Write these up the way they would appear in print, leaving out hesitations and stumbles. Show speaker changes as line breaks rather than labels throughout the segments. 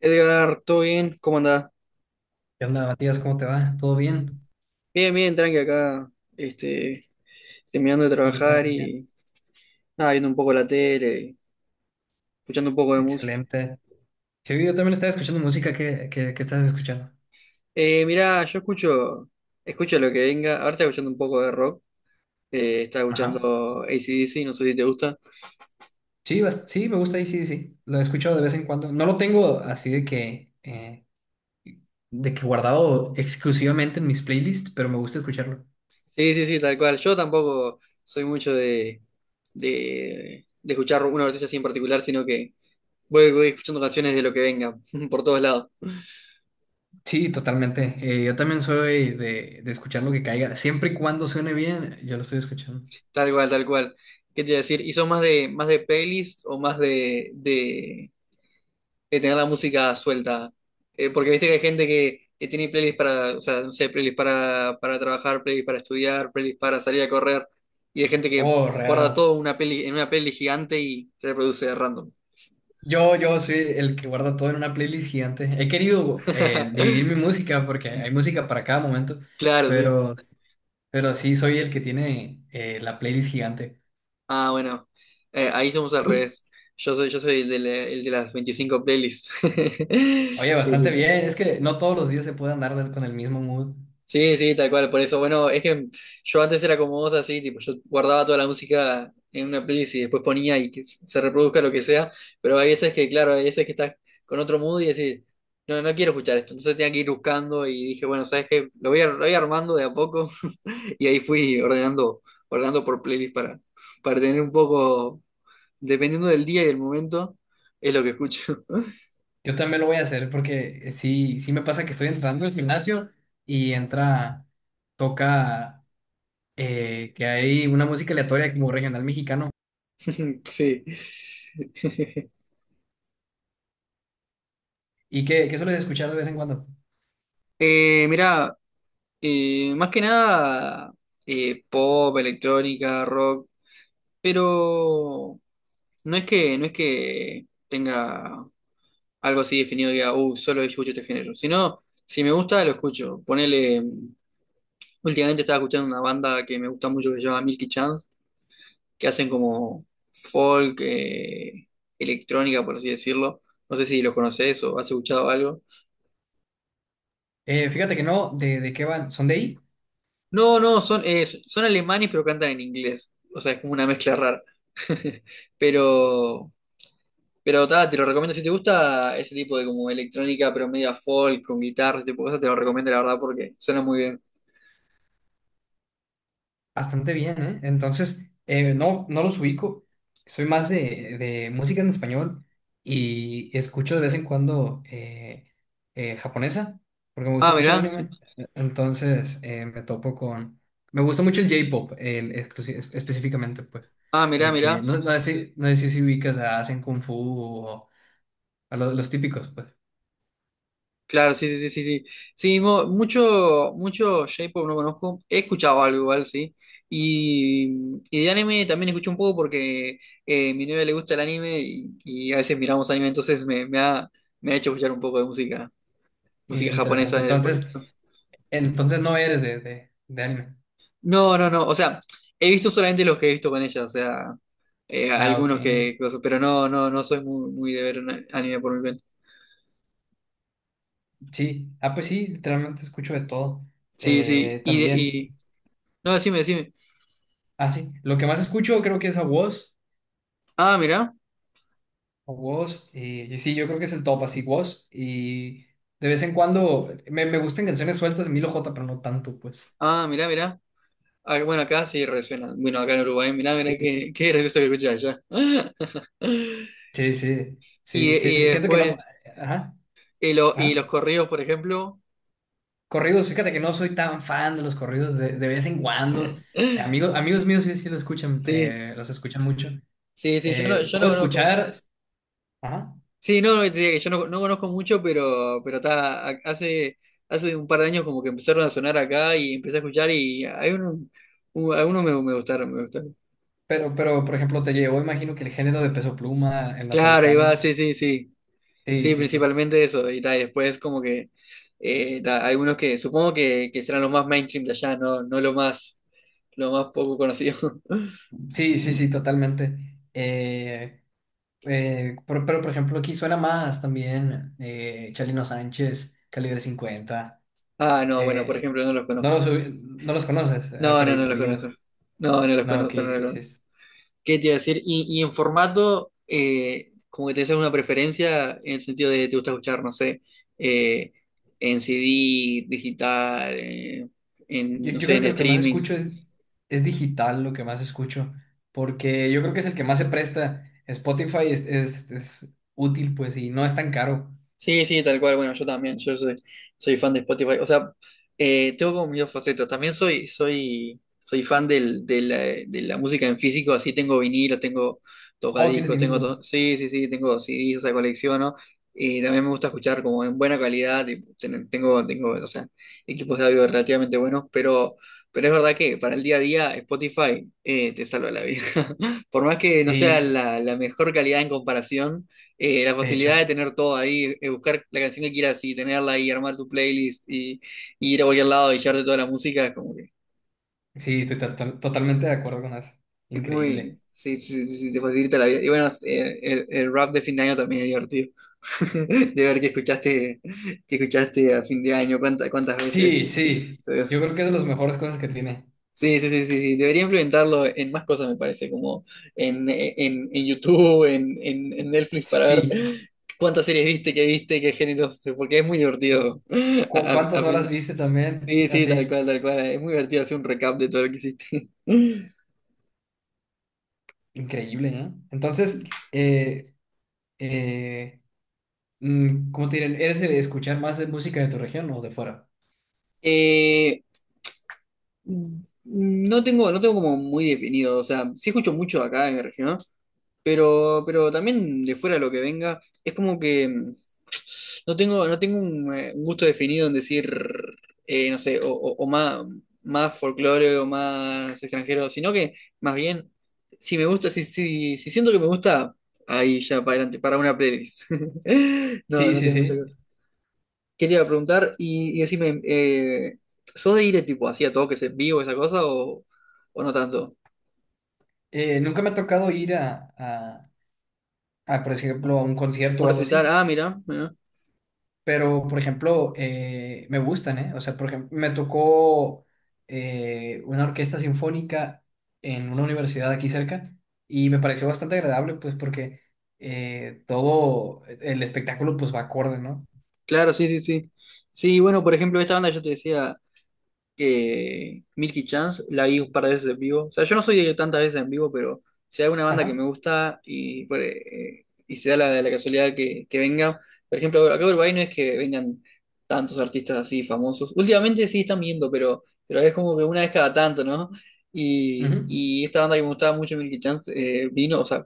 Edgar, ¿todo bien? ¿Cómo andás?
¿Qué onda, Matías? ¿Cómo te va? ¿Todo bien?
Bien, bien, tranqui acá, este, terminando de
Sí, yo también,
trabajar
bien.
y nada, viendo un poco la tele, y escuchando un poco de música.
Excelente. Sí, yo también estaba escuchando música. ¿Qué estás escuchando?
Mirá, escucho lo que venga, ahora estoy escuchando un poco de rock. Estaba
Ajá.
escuchando AC/DC, no sé si te gusta.
Sí, sí, me gusta y sí, sí. sí. Lo he escuchado de vez en cuando. No lo tengo así de que guardado exclusivamente en mis playlists, pero me gusta escucharlo.
Sí, sí, sí, tal cual. Yo tampoco soy mucho de escuchar una artista así en particular, sino que voy escuchando canciones de lo que venga, por todos lados.
Sí, totalmente. Yo también soy de escuchar lo que caiga. Siempre y cuando suene bien, yo lo estoy escuchando.
Tal cual, tal cual. ¿Qué te iba a decir? ¿Y son más de pelis o más de tener la música suelta? Porque viste que hay gente que tiene playlists para, o sea, no sé, playlists para trabajar, playlists para estudiar, playlists para salir a correr. Y hay gente que
Oh,
guarda
real.
todo una peli, en una peli gigante y reproduce de random.
Yo soy el que guarda todo en una playlist gigante. He querido dividir mi música porque hay música para cada momento,
Claro, sí.
pero, pero sí soy el que tiene la playlist gigante.
Ah, bueno. Ahí somos al
¿Tú?
revés. Yo soy el de, el de las 25 playlists.
Oye,
Sí, sí,
bastante
sí.
bien. Es que no todos los días se puede andar con el mismo mood.
Sí, sí, tal cual, por eso, bueno, es que yo antes era como vos así, tipo, yo guardaba toda la música en una playlist y después ponía y que se reproduzca lo que sea, pero hay veces que, claro, hay veces que estás con otro mood y decís, no, no quiero escuchar esto, entonces tenía que ir buscando y dije, bueno, ¿sabes qué? Lo voy, lo voy armando de a poco y ahí fui ordenando, ordenando por playlist para tener un poco, dependiendo del día y del momento, es lo que escucho.
Yo también lo voy a hacer porque sí, sí me pasa que estoy entrando al gimnasio y entra, toca que hay una música aleatoria como regional mexicano
Sí.
y qué sueles escuchar de vez en cuando.
Mirá. Más que nada pop, electrónica, rock, pero no es que tenga algo así definido, diga, solo yo escucho este género, sino si me gusta, lo escucho. Ponele, últimamente estaba escuchando una banda que me gusta mucho que se llama Milky Chance, que hacen como folk, electrónica, por así decirlo. No sé si los conoces o has escuchado algo.
Fíjate que no, ¿de qué van? ¿Son de ahí?
No, no, son, son alemanes pero cantan en inglés. O sea, es como una mezcla rara. Pero, pero ta, te lo recomiendo. Si te gusta ese tipo de como electrónica, pero media folk, con guitarras ese tipo de cosas, te lo recomiendo la verdad porque suena muy bien.
Bastante bien, ¿eh? Entonces, no, no los ubico. Soy más de música en español y escucho de vez en cuando japonesa, porque me gusta
Ah,
mucho el
mirá,
anime.
sí.
Entonces, me topo con. Me gusta mucho el J-pop, el específicamente, pues.
Ah, mirá,
De que,
mirá.
no, no sé, si no sé si ubicas a Hacen Kung Fu o a los, típicos, pues.
Claro, sí, sí, sí, sí, sí. Sí, mucho, mucho J-pop no conozco. He escuchado algo igual, sí. Y de anime también escucho un poco porque a mi novia le gusta el anime y a veces miramos anime, entonces me ha hecho escuchar un poco de música, música
Interesante.
japonesa.
Entonces, no eres de anime.
No, no, no. O sea, he visto solamente los que he visto con ella, o sea,
Ah, ok.
algunos que, cosas, pero no, no, no soy muy, muy de ver un anime por mi cuenta.
Sí, ah, pues sí, literalmente escucho de todo.
Sí, sí. Y,
También,
y... No, decime, decime.
ah, sí, lo que más escucho creo que es
Ah, mirá.
a Woz, y sí, yo creo que es el top, así Woz, y de vez en cuando me gustan canciones sueltas de Milo J, pero no tanto, pues.
Ah, mirá, mirá. Ah, bueno, acá sí resuena. Bueno, acá en Uruguay, mirá, mirá
Sí,
qué, qué gracioso que escuché allá.
sí, sí,
Y,
sí,
y
sí, siento que no,
después,
ajá,
y, y los
ajá.
corridos, por ejemplo.
Corridos, fíjate que no soy tan fan de los corridos de vez en cuando. Amigos míos sí, sí los escuchan,
Sí,
eh, los escuchan mucho.
sí, sí, yo no, yo
Puedo
no conozco.
escuchar, ajá.
Sí, no, no, te diría que yo no, no conozco mucho, pero está, hace un par de años como que empezaron a sonar acá y empecé a escuchar y hay uno, algunos me, me gustaron, me gustaron.
Pero, por ejemplo, te llevó, imagino que el género de Peso Pluma, el
Claro, ahí va,
Natalcano.
sí, sí, sí.
Sí,
Sí,
sí, sí.
principalmente eso, y, ta, y después como que ta, algunos que supongo que serán los más mainstream de allá, no, no lo más, lo más poco conocido.
Sí, sí, sí, totalmente. Eh, pero, por ejemplo, aquí suena más también Chalino Sánchez, Calibre 50
Ah, no, bueno, por
eh,
ejemplo, no los conozco.
no los conoces,
No, no, no
Alfredito
los conozco.
Olivas.
No, no los
No, ok,
conozco, no los
sí, sí.
conozco. ¿Qué te iba a decir? Y en formato, como que te haces una preferencia en el sentido de te gusta escuchar, no sé, eh, en CD, digital, en,
Yo,
no
yo
sé,
creo
en
que lo que más
streaming.
escucho es, digital, lo que más escucho, porque yo creo que es el que más se presta. Spotify es, es útil, pues, y no es tan caro.
Sí, sí, tal cual. Bueno, yo también, soy fan de Spotify. O sea, tengo como mis dos facetas. También soy fan de la música en físico, así tengo vinilos, tengo
Oh, tienes
tocadiscos,
vinilos.
sí, sí, sí, tengo CDs, esa colecciono. Y también me gusta escuchar como en buena calidad, y tengo, o sea, equipos de audio relativamente buenos, pero es verdad que para el día a día Spotify te salva la vida. Por más que no sea
Sí,
la, la mejor calidad en comparación la
de
facilidad
hecho,
de tener todo ahí, buscar la canción que quieras y tenerla ahí, armar tu playlist y ir a cualquier lado y llevarte toda la música, es como que
sí, estoy totalmente de acuerdo con eso.
es muy,
Increíble.
sí, sí, sí, sí, te facilita la vida. Y bueno, el rap de fin de año también es divertido. De ver que escuchaste a fin de año, cuántas, cuántas veces.
Sí, sí, yo creo que es de las mejores cosas que tiene.
Sí, sí, sí, sí, sí. Debería implementarlo en más cosas, me parece, como en YouTube, en Netflix, para ver
Sí,
cuántas series viste, qué géneros, porque es muy divertido.
¿Cu-
A- a- a
cuántas horas
fin-
viste también?
Sí, sí,
Así,
tal cual, tal cual. Es muy divertido hacer un recap de todo lo que hiciste.
increíble, ¿no? Entonces, eh, eh, ¿cómo te diré? ¿Eres de escuchar más de música de tu región o de fuera?
Eh, no tengo, no tengo como muy definido, o sea, sí escucho mucho acá en mi región. Pero también de fuera lo que venga, es como que no tengo, no tengo un gusto definido en decir, no sé, o más, más folclore o más extranjero, sino que más bien, si me gusta, si siento que me gusta, ahí ya para adelante, para una playlist. No,
Sí,
no
sí,
tengo mucha
sí.
cosa. ¿Qué te iba a preguntar? Y decime, ¿sos de ir tipo así a toques en vivo, esa cosa, o no tanto?
Nunca me ha tocado ir a, por ejemplo, a un concierto
Un
o algo
recital,
así.
ah, mira.
Pero, por ejemplo, me gustan, ¿eh? O sea, por ejemplo, me tocó una orquesta sinfónica en una universidad aquí cerca y me pareció bastante agradable, pues, porque todo el espectáculo, pues, va acorde, ¿no?
Claro, sí, sí, sí. Sí, bueno, por ejemplo, esta banda yo te decía, que Milky Chance la vi un par de veces en vivo. O sea, yo no soy de ir tantas veces en vivo, pero si hay una banda que
Ajá,
me gusta y, pues, y se da la, la casualidad que venga. Por ejemplo, acá en Uruguay no es que vengan tantos artistas así famosos. Últimamente sí están viendo, pero es como que una vez cada tanto, ¿no?
ujú,
Y esta banda que me gustaba mucho, Milky Chance, vino, o sea,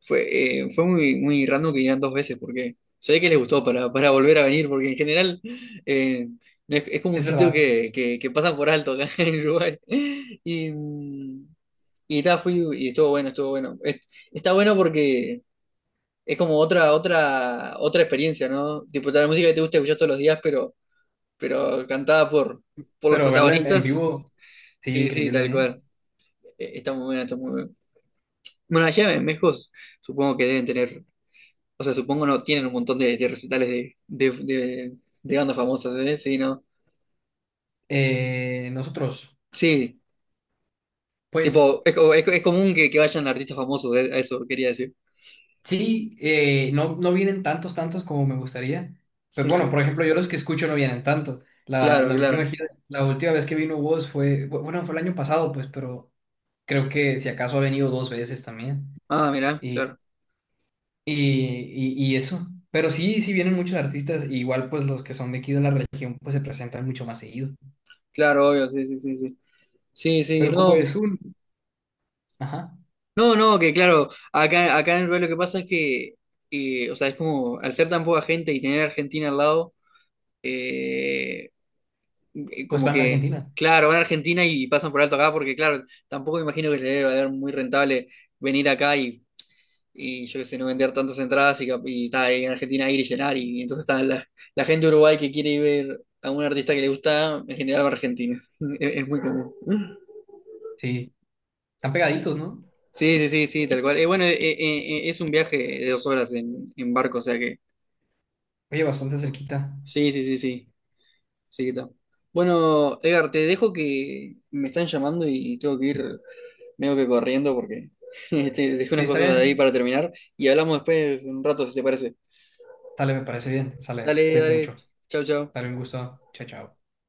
fue, fue muy, muy random que vinieran dos veces porque se ve que les gustó para volver a venir, porque en general. Eh, es como un
es
sitio
verdad.
que pasan por alto acá en Uruguay. Y, y ta, fui y estuvo bueno, estuvo bueno. Está bueno porque es como otra, otra, otra experiencia, ¿no? Tipo, la música que te gusta escuchar todos los días, pero cantada por los
Pero verla en
protagonistas.
vivo, sí,
Sí, sí, tal
increíble, ¿eh?
cual. Está muy buena, está muy buena. Bueno, allá en México supongo que deben tener, o sea, supongo no, tienen un montón de recitales de bandas famosas, ¿eh? Sí, ¿no?
Nosotros,
Sí.
pues.
Tipo, es, es común que vayan artistas famosos, a eso quería decir.
Sí, no, no vienen tantos, tantos como me gustaría. Pues bueno, por ejemplo, yo los que escucho no vienen tanto. La,
Claro,
la última
claro.
la última vez que vino Woz fue, bueno, fue el año pasado, pues, pero creo que si acaso ha venido dos veces también.
Ah, mirá,
Y,
claro.
y eso. Pero sí, sí vienen muchos artistas, e igual pues los que son de aquí de la región, pues se presentan mucho más seguido.
Claro, obvio, sí, sí, sí, sí. Sí, sí,
Pero como
no.
es un, ajá,
No, no, que claro, acá, acá en realidad lo que pasa es que, o sea, es como, al ser tan poca gente y tener a Argentina al lado, eh,
pues
como
van a
que,
Argentina.
claro, van a Argentina y pasan por alto acá, porque claro, tampoco me imagino que les debe valer muy rentable venir acá y yo qué sé, no vender tantas entradas y, y está ahí en Argentina ir y llenar. Y, entonces está la, la gente de Uruguay que quiere ir ver a un artista que le gusta, en general va a Argentina. Es muy común.
Sí, están pegaditos, ¿no?
Sí, sí, sí, sí, tal cual. Bueno, es un viaje de 2 horas en barco, o sea que.
Oye, bastante cerquita.
Sí, sí, sí, sí. Sí, que está. Bueno, Edgar, te dejo que me están llamando y tengo que ir medio que corriendo porque dejé
Sí,
unas
está
cosas ahí
bien.
para terminar y hablamos después un rato, si te parece.
Sale, me parece bien. Sale,
Dale,
cuídate
dale.
mucho.
Chau, chau.
Dale un gusto. Chao, chao.